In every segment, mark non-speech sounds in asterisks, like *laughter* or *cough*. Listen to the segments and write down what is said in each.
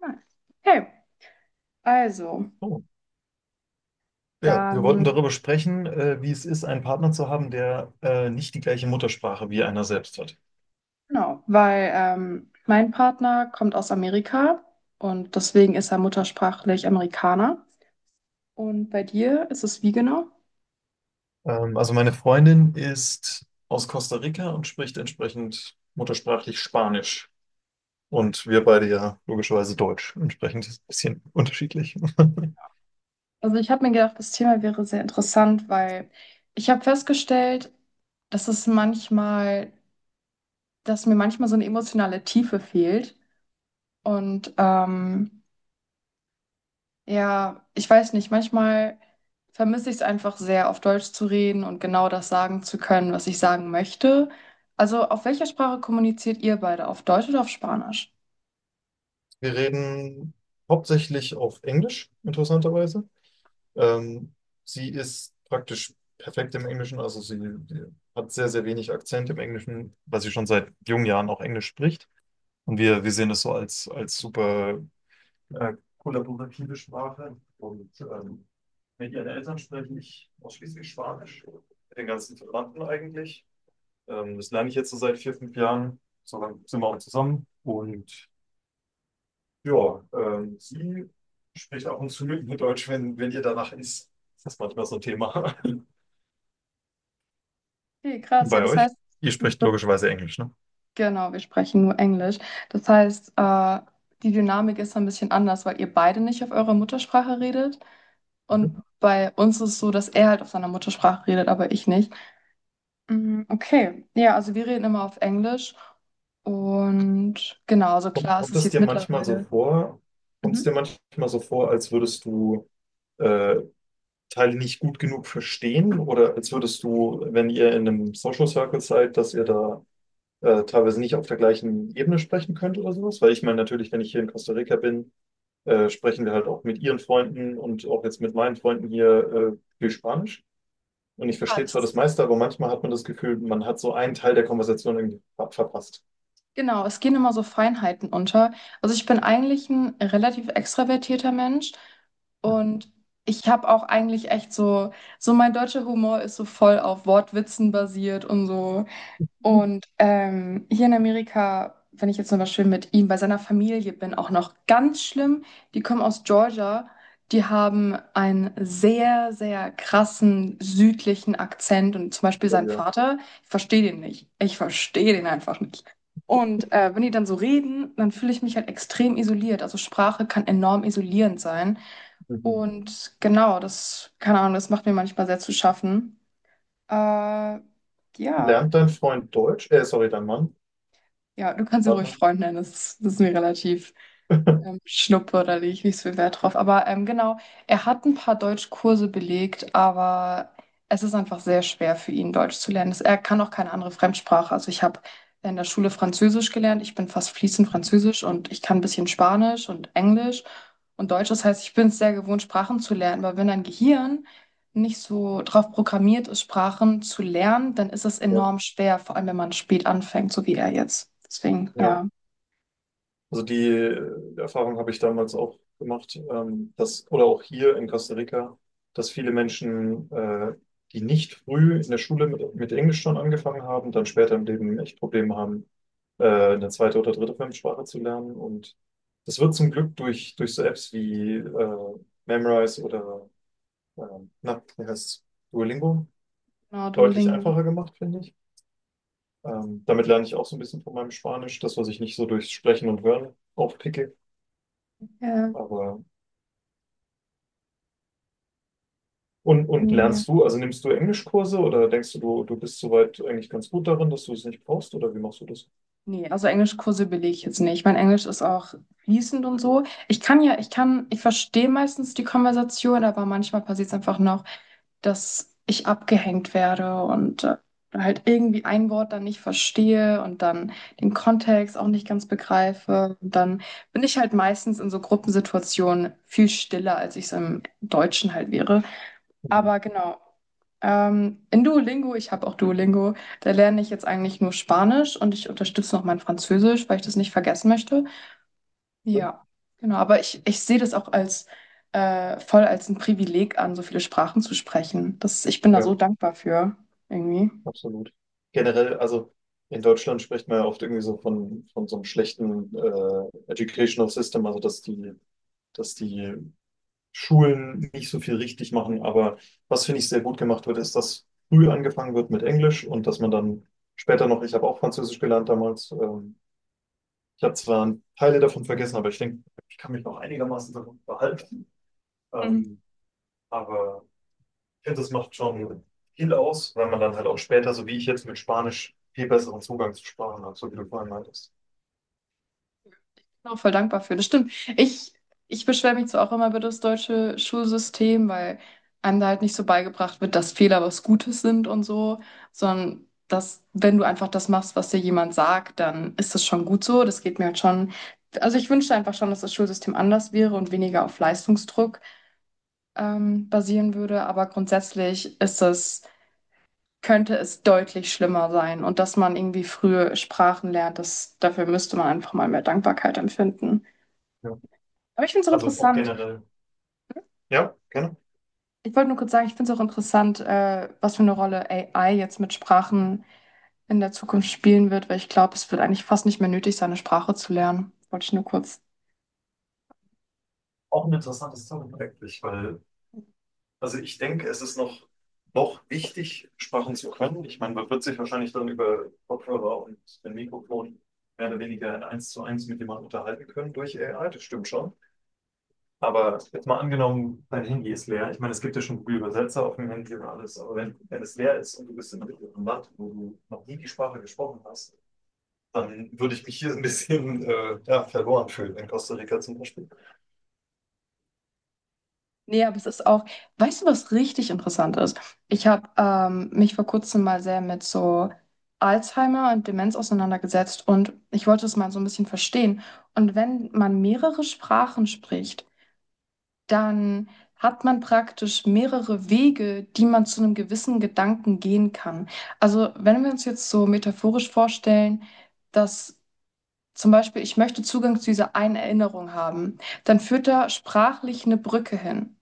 Nice. Okay, also Oh. Ja, wir wollten dann, darüber sprechen, wie es ist, einen Partner zu haben, der nicht die gleiche Muttersprache wie einer selbst hat. genau, weil mein Partner kommt aus Amerika und deswegen ist er muttersprachlich Amerikaner. Und bei dir ist es wie genau? Also meine Freundin ist aus Costa Rica und spricht entsprechend muttersprachlich Spanisch. Und wir beide ja logischerweise Deutsch. Entsprechend ist es ein bisschen unterschiedlich. *laughs* Also ich habe mir gedacht, das Thema wäre sehr interessant, weil ich habe festgestellt, dass es manchmal, dass mir manchmal so eine emotionale Tiefe fehlt. Und ja, ich weiß nicht, manchmal vermisse ich es einfach sehr, auf Deutsch zu reden und genau das sagen zu können, was ich sagen möchte. Also, auf welcher Sprache kommuniziert ihr beide? Auf Deutsch oder auf Spanisch? Wir reden hauptsächlich auf Englisch, interessanterweise. Ähm, Sie ist praktisch perfekt im Englischen, also sie hat sehr, sehr wenig Akzent im Englischen, weil sie schon seit jungen Jahren auch Englisch spricht. Und wir sehen das so als, als super kollaborative Sprache. Und mit ihren Eltern spreche ich ausschließlich Spanisch, mit den ganzen Verwandten eigentlich. Das lerne ich jetzt so seit vier, fünf Jahren. So lange sind wir auch zusammen. Und ja, sie spricht ab und zu mit mir Deutsch, wenn, wenn ihr danach ist. Das ist manchmal so ein Thema. *laughs* Und Okay, krass. Ja, bei das euch? heißt, Ihr sprecht das, logischerweise Englisch, ne? genau, wir sprechen nur Englisch. Das heißt, die Dynamik ist so ein bisschen anders, weil ihr beide nicht auf eurer Muttersprache redet. Mhm. Und bei uns ist es so, dass er halt auf seiner Muttersprache redet, aber ich nicht. Mm, okay, ja, also wir reden immer auf Englisch und genau, also Kommt, klar, es kommt ist es jetzt dir manchmal so mittlerweile. vor, kommt es Mhm. dir manchmal so vor, als würdest du äh, Teile nicht gut genug verstehen? Oder als würdest du, wenn ihr in einem Social Circle seid, dass ihr da teilweise nicht auf der gleichen Ebene sprechen könnt oder sowas? Weil ich meine, natürlich, wenn ich hier in Costa Rica bin, sprechen wir halt auch mit ihren Freunden und auch jetzt mit meinen Freunden hier viel Spanisch. Und ich Ja, verstehe das zwar das ist meiste, aber manchmal hat man das Gefühl, man hat so einen Teil der Konversation irgendwie verpasst. genau, es gehen immer so Feinheiten unter. Also ich bin eigentlich ein relativ extravertierter Mensch und ich habe auch eigentlich echt so, so mein deutscher Humor ist so voll auf Wortwitzen basiert und so. Mhm. Und hier in Amerika, wenn ich jetzt zum Beispiel mit ihm bei seiner Familie bin, auch noch ganz schlimm, die kommen aus Georgia, die haben einen sehr, sehr krassen südlichen Akzent und zum Beispiel Oh sein ja. Vater, ich verstehe den nicht. Ich verstehe den einfach nicht. Und wenn die dann so reden, dann fühle ich mich halt extrem isoliert. Also Sprache kann enorm isolierend sein. Mhm. Und genau, keine Ahnung, das macht mir manchmal sehr zu schaffen. Äh, ja. Lernt dein Freund Deutsch? Sorry, dein Mann, Ja, du kannst ihn ruhig Partner. Freund nennen, das ist mir relativ *laughs* Schnuppe, da lege ich nicht so viel Wert drauf. Aber genau, er hat ein paar Deutschkurse belegt, aber es ist einfach sehr schwer für ihn, Deutsch zu lernen. Er kann auch keine andere Fremdsprache. Also ich habe in der Schule Französisch gelernt, ich bin fast fließend Französisch und ich kann ein bisschen Spanisch und Englisch und Deutsch. Das heißt, ich bin es sehr gewohnt, Sprachen zu lernen, aber wenn dein Gehirn nicht so drauf programmiert ist, Sprachen zu lernen, dann ist es Ja, enorm schwer, vor allem wenn man spät anfängt, so wie er jetzt. Deswegen, ja. ja, Also die Erfahrung habe ich damals auch gemacht, dass, oder auch hier in Costa Rica, dass viele Menschen, die nicht früh in der Schule mit Englisch schon angefangen haben, dann später im Leben echt Probleme haben, äh, eine zweite oder dritte Fremdsprache zu lernen. Und das wird zum Glück durch, durch so Apps wie Memrise oder na, wie heißt's? Duolingo genau, deutlich Duolingo. einfacher gemacht, finde ich. Damit lerne ich auch so ein bisschen von meinem Spanisch, das, was ich nicht so durchs Sprechen und Hören aufpicke. Ja, Aber und irgendwie. lernst du, also nimmst du Englischkurse oder denkst du, du bist soweit eigentlich ganz gut darin, dass du es nicht brauchst oder wie machst du das? Nee, also Englischkurse belege ich jetzt nicht. Mein Englisch ist auch fließend und so. Ich kann ja, ich kann, ich verstehe meistens die Konversation, aber manchmal passiert es einfach noch, dass ich abgehängt werde und halt irgendwie ein Wort dann nicht verstehe und dann den Kontext auch nicht ganz begreife. Und dann bin ich halt meistens in so Gruppensituationen viel stiller, als ich es im Deutschen halt wäre. Mhm. Aber genau. In Duolingo, ich habe auch Duolingo, da lerne ich jetzt eigentlich nur Spanisch und ich unterstütze noch mein Französisch, weil ich das nicht vergessen möchte. Ja, genau. Aber ich sehe das auch als voll als ein Privileg an, so viele Sprachen zu sprechen. Ich bin da Ja, so dankbar für, irgendwie. absolut. Generell, also in Deutschland spricht man ja oft irgendwie so von so einem schlechten Educational System, also dass die Schulen nicht so viel richtig machen. Aber was finde ich sehr gut gemacht wird, ist, dass früh angefangen wird mit Englisch und dass man dann später noch, ich habe auch Französisch gelernt damals, ich habe zwar Teile davon vergessen, aber ich denke, ich kann mich noch einigermaßen daran behalten. Ähm, aber ich finde, das macht schon viel aus, weil man dann halt auch später, so wie ich jetzt mit Spanisch, viel besseren Zugang zu Sprachen hat, so wie du vorhin meintest. Auch voll dankbar für. Das stimmt. Ich beschwere mich zwar auch immer über das deutsche Schulsystem, weil einem da halt nicht so beigebracht wird, dass Fehler was Gutes sind und so, sondern dass, wenn du einfach das machst, was dir jemand sagt, dann ist das schon gut so. Das geht mir halt schon. Also ich wünschte einfach schon, dass das Schulsystem anders wäre und weniger auf Leistungsdruck basieren würde. Aber grundsätzlich könnte es deutlich schlimmer sein. Und dass man irgendwie früh Sprachen lernt, dafür müsste man einfach mal mehr Dankbarkeit empfinden. Ja. Aber ich finde es auch Also auch interessant. generell. Ja, gerne. Ich wollte nur kurz sagen, ich finde es auch interessant, was für eine Rolle AI jetzt mit Sprachen in der Zukunft spielen wird, weil ich glaube, es wird eigentlich fast nicht mehr nötig sein, eine Sprache zu lernen. Wollte ich nur kurz. Auch ein interessantes Thema eigentlich, weil, also ich denke, es ist noch, noch wichtig, Sprachen zu können. Ich meine, man wird sich wahrscheinlich dann über Kopfhörer und ein Mikrofon mehr oder weniger in eins zu eins mit jemandem unterhalten können durch AI, das stimmt schon. Aber jetzt mal angenommen, dein Handy ist leer. Ich meine, es gibt ja schon Google-Übersetzer auf dem Handy und alles, aber wenn, wenn es leer ist und du bist in einem mittleren Land, wo du noch nie die Sprache gesprochen hast, dann würde ich mich hier ein bisschen ja, verloren fühlen, in Costa Rica zum Beispiel. Nee, aber es ist auch, weißt du, was richtig interessant ist? Ich habe mich vor kurzem mal sehr mit so Alzheimer und Demenz auseinandergesetzt und ich wollte es mal so ein bisschen verstehen. Und wenn man mehrere Sprachen spricht, dann hat man praktisch mehrere Wege, die man zu einem gewissen Gedanken gehen kann. Also wenn wir uns jetzt so metaphorisch vorstellen, dass zum Beispiel ich möchte Zugang zu dieser einen Erinnerung haben, dann führt da sprachlich eine Brücke hin.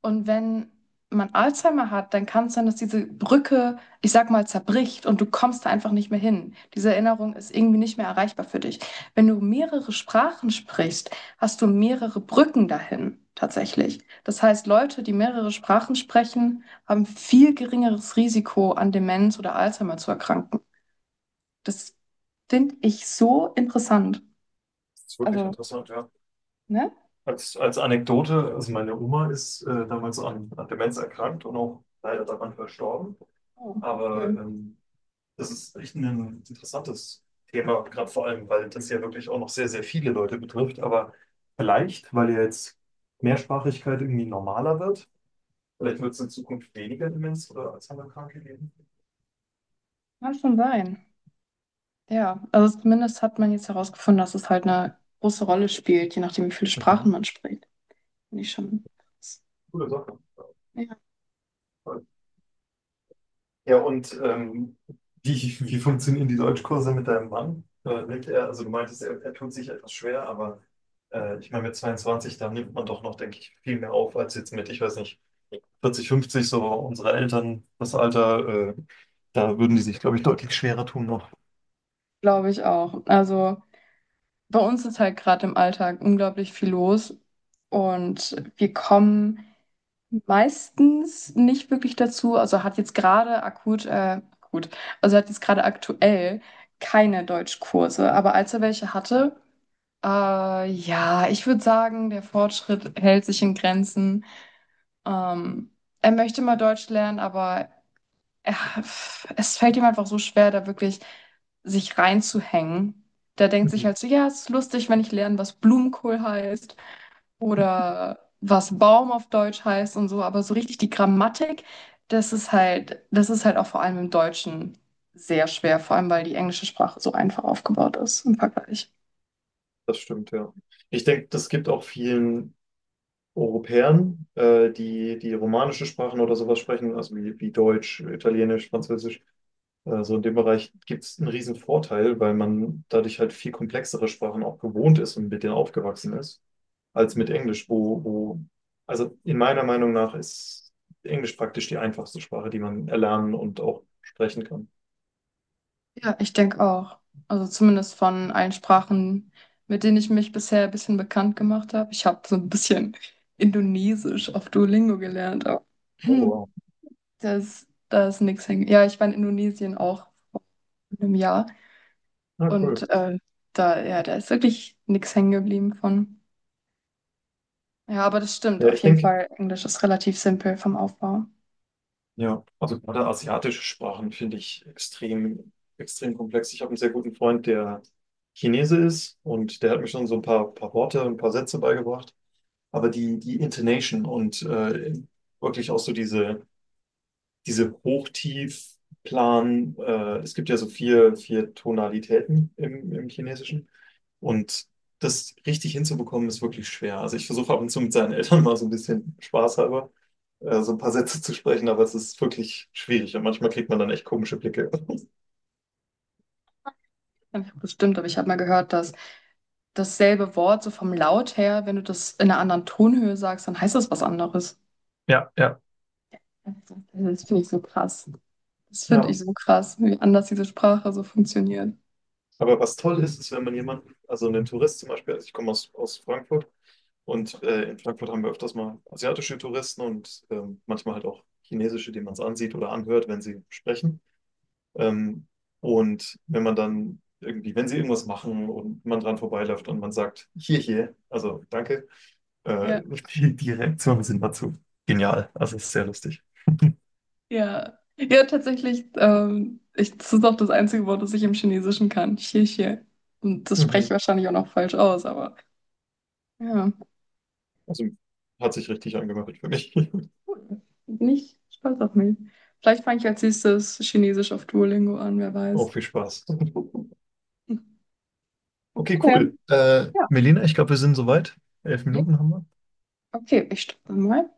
Und wenn man Alzheimer hat, dann kann es sein, dass diese Brücke, ich sag mal, zerbricht und du kommst da einfach nicht mehr hin. Diese Erinnerung ist irgendwie nicht mehr erreichbar für dich. Wenn du mehrere Sprachen sprichst, hast du mehrere Brücken dahin, tatsächlich. Das heißt, Leute, die mehrere Sprachen sprechen, haben viel geringeres Risiko, an Demenz oder Alzheimer zu erkranken. Das finde ich so interessant. Das ist wirklich Also, interessant, ja. ne? Als, als Anekdote, also meine Oma ist damals an, an Demenz erkrankt und auch leider daran verstorben. Oh, Aber okay. Das ist echt ein interessantes Thema, gerade vor allem, weil das ja wirklich auch noch sehr, sehr viele Leute betrifft. Aber vielleicht, weil ja jetzt Mehrsprachigkeit irgendwie normaler wird, vielleicht wird es in Zukunft weniger Demenz oder Alzheimer-Kranke geben. Kann schon sein. Ja, also zumindest hat man jetzt herausgefunden, dass es halt eine große Rolle spielt, je nachdem, wie viele Sprachen Mhm. man spricht. Finde ich schon krass. Coole Sache. Ja, Ja, und wie, wie funktionieren die Deutschkurse mit deinem Mann? Nimmt er, also du meintest, er tut sich etwas schwer, aber ich meine, mit 22, da nimmt man doch noch, denke ich, viel mehr auf als jetzt mit, ich weiß nicht, 40, 50, so unsere Eltern, das Alter, da würden die sich, glaube ich, deutlich schwerer tun noch. glaube ich auch. Also bei uns ist halt gerade im Alltag unglaublich viel los und wir kommen meistens nicht wirklich dazu. Also hat jetzt gerade aktuell keine Deutschkurse. Aber als er welche hatte, ja, ich würde sagen, der Fortschritt hält sich in Grenzen. Ähm, Er möchte mal Deutsch lernen, aber er, es fällt ihm einfach so schwer, da wirklich sich reinzuhängen. Der denkt sich Mhm. halt so, ja, es ist lustig, wenn ich lerne, was Blumenkohl heißt oder was Baum auf Deutsch heißt und so, aber so richtig die Grammatik, das ist halt auch vor allem im Deutschen sehr schwer, vor allem weil die englische Sprache so einfach aufgebaut ist im Vergleich. Das stimmt, ja. Ich denke, das gibt auch vielen Europäern, die die romanische Sprachen oder sowas sprechen, also wie, wie Deutsch, Italienisch, Französisch. Also in dem Bereich gibt es einen riesen Vorteil, weil man dadurch halt viel komplexere Sprachen auch gewohnt ist und mit denen aufgewachsen ist, als mit Englisch, wo, wo, also in meiner Meinung nach ist Englisch praktisch die einfachste Sprache, die man erlernen und auch sprechen kann. Ja, ich denke auch. Also zumindest von allen Sprachen, mit denen ich mich bisher ein bisschen bekannt gemacht habe. Ich habe so ein bisschen *laughs* Indonesisch auf Duolingo gelernt, aber *clears throat* Oh, wow. hm, da ist nichts hängen. Ja, ich war in Indonesien auch vor einem Jahr Na, cool. und da, ja, da ist wirklich nichts hängen geblieben von. Ja, aber das stimmt. Ja, Auf ich jeden denke, Fall, Englisch ist relativ simpel vom Aufbau. ja, also gerade asiatische Sprachen finde ich extrem, extrem komplex. Ich habe einen sehr guten Freund, der Chinese ist und der hat mir schon so ein paar, paar Worte, ein paar Sätze beigebracht. Aber die, die Intonation und wirklich auch so diese, diese Hochtiefplan, es gibt ja so vier, vier Tonalitäten im, im Chinesischen. Und das richtig hinzubekommen, ist wirklich schwer. Also ich versuche ab und zu mit seinen Eltern mal so ein bisschen Spaß halber, so ein paar Sätze zu sprechen, aber es ist wirklich schwierig und manchmal kriegt man dann echt komische Blicke. Einfach Bestimmt, aber ich habe mal gehört, dass dasselbe Wort so vom Laut her, wenn du das in einer anderen Tonhöhe sagst, dann heißt das was anderes. Ja, ja. Das finde ich so krass. Das finde Ja. ich so krass, wie anders diese Sprache so funktioniert. Aber was toll ist, ist, wenn man jemanden, also einen Tourist zum Beispiel, also ich komme aus, aus Frankfurt und in Frankfurt haben wir öfters mal asiatische Touristen und manchmal halt auch chinesische, die man es ansieht oder anhört, wenn sie sprechen. Ähm, und wenn man dann irgendwie, wenn sie irgendwas machen und man dran vorbeiläuft und man sagt, hier, hier, also danke, Ja, äh, *laughs* die, die Reaktionen sind dazu genial. Also es ist sehr lustig. ja. Ja, tatsächlich, das ist auch das einzige Wort, das ich im Chinesischen kann. Xie xie. Und das spreche ich Mhm. wahrscheinlich auch noch falsch aus, aber ja, Also hat sich richtig angehört für mich. *laughs* cool. Bin ich stolz auf mich. Vielleicht fange ich als nächstes Chinesisch auf Duolingo an, wer Auch weiß. viel Spaß. Okay, Okay, cool. Ja. Melina, ich glaube, wir sind soweit. Elf Ja. Minuten haben wir. Okay, ich stoppe mal.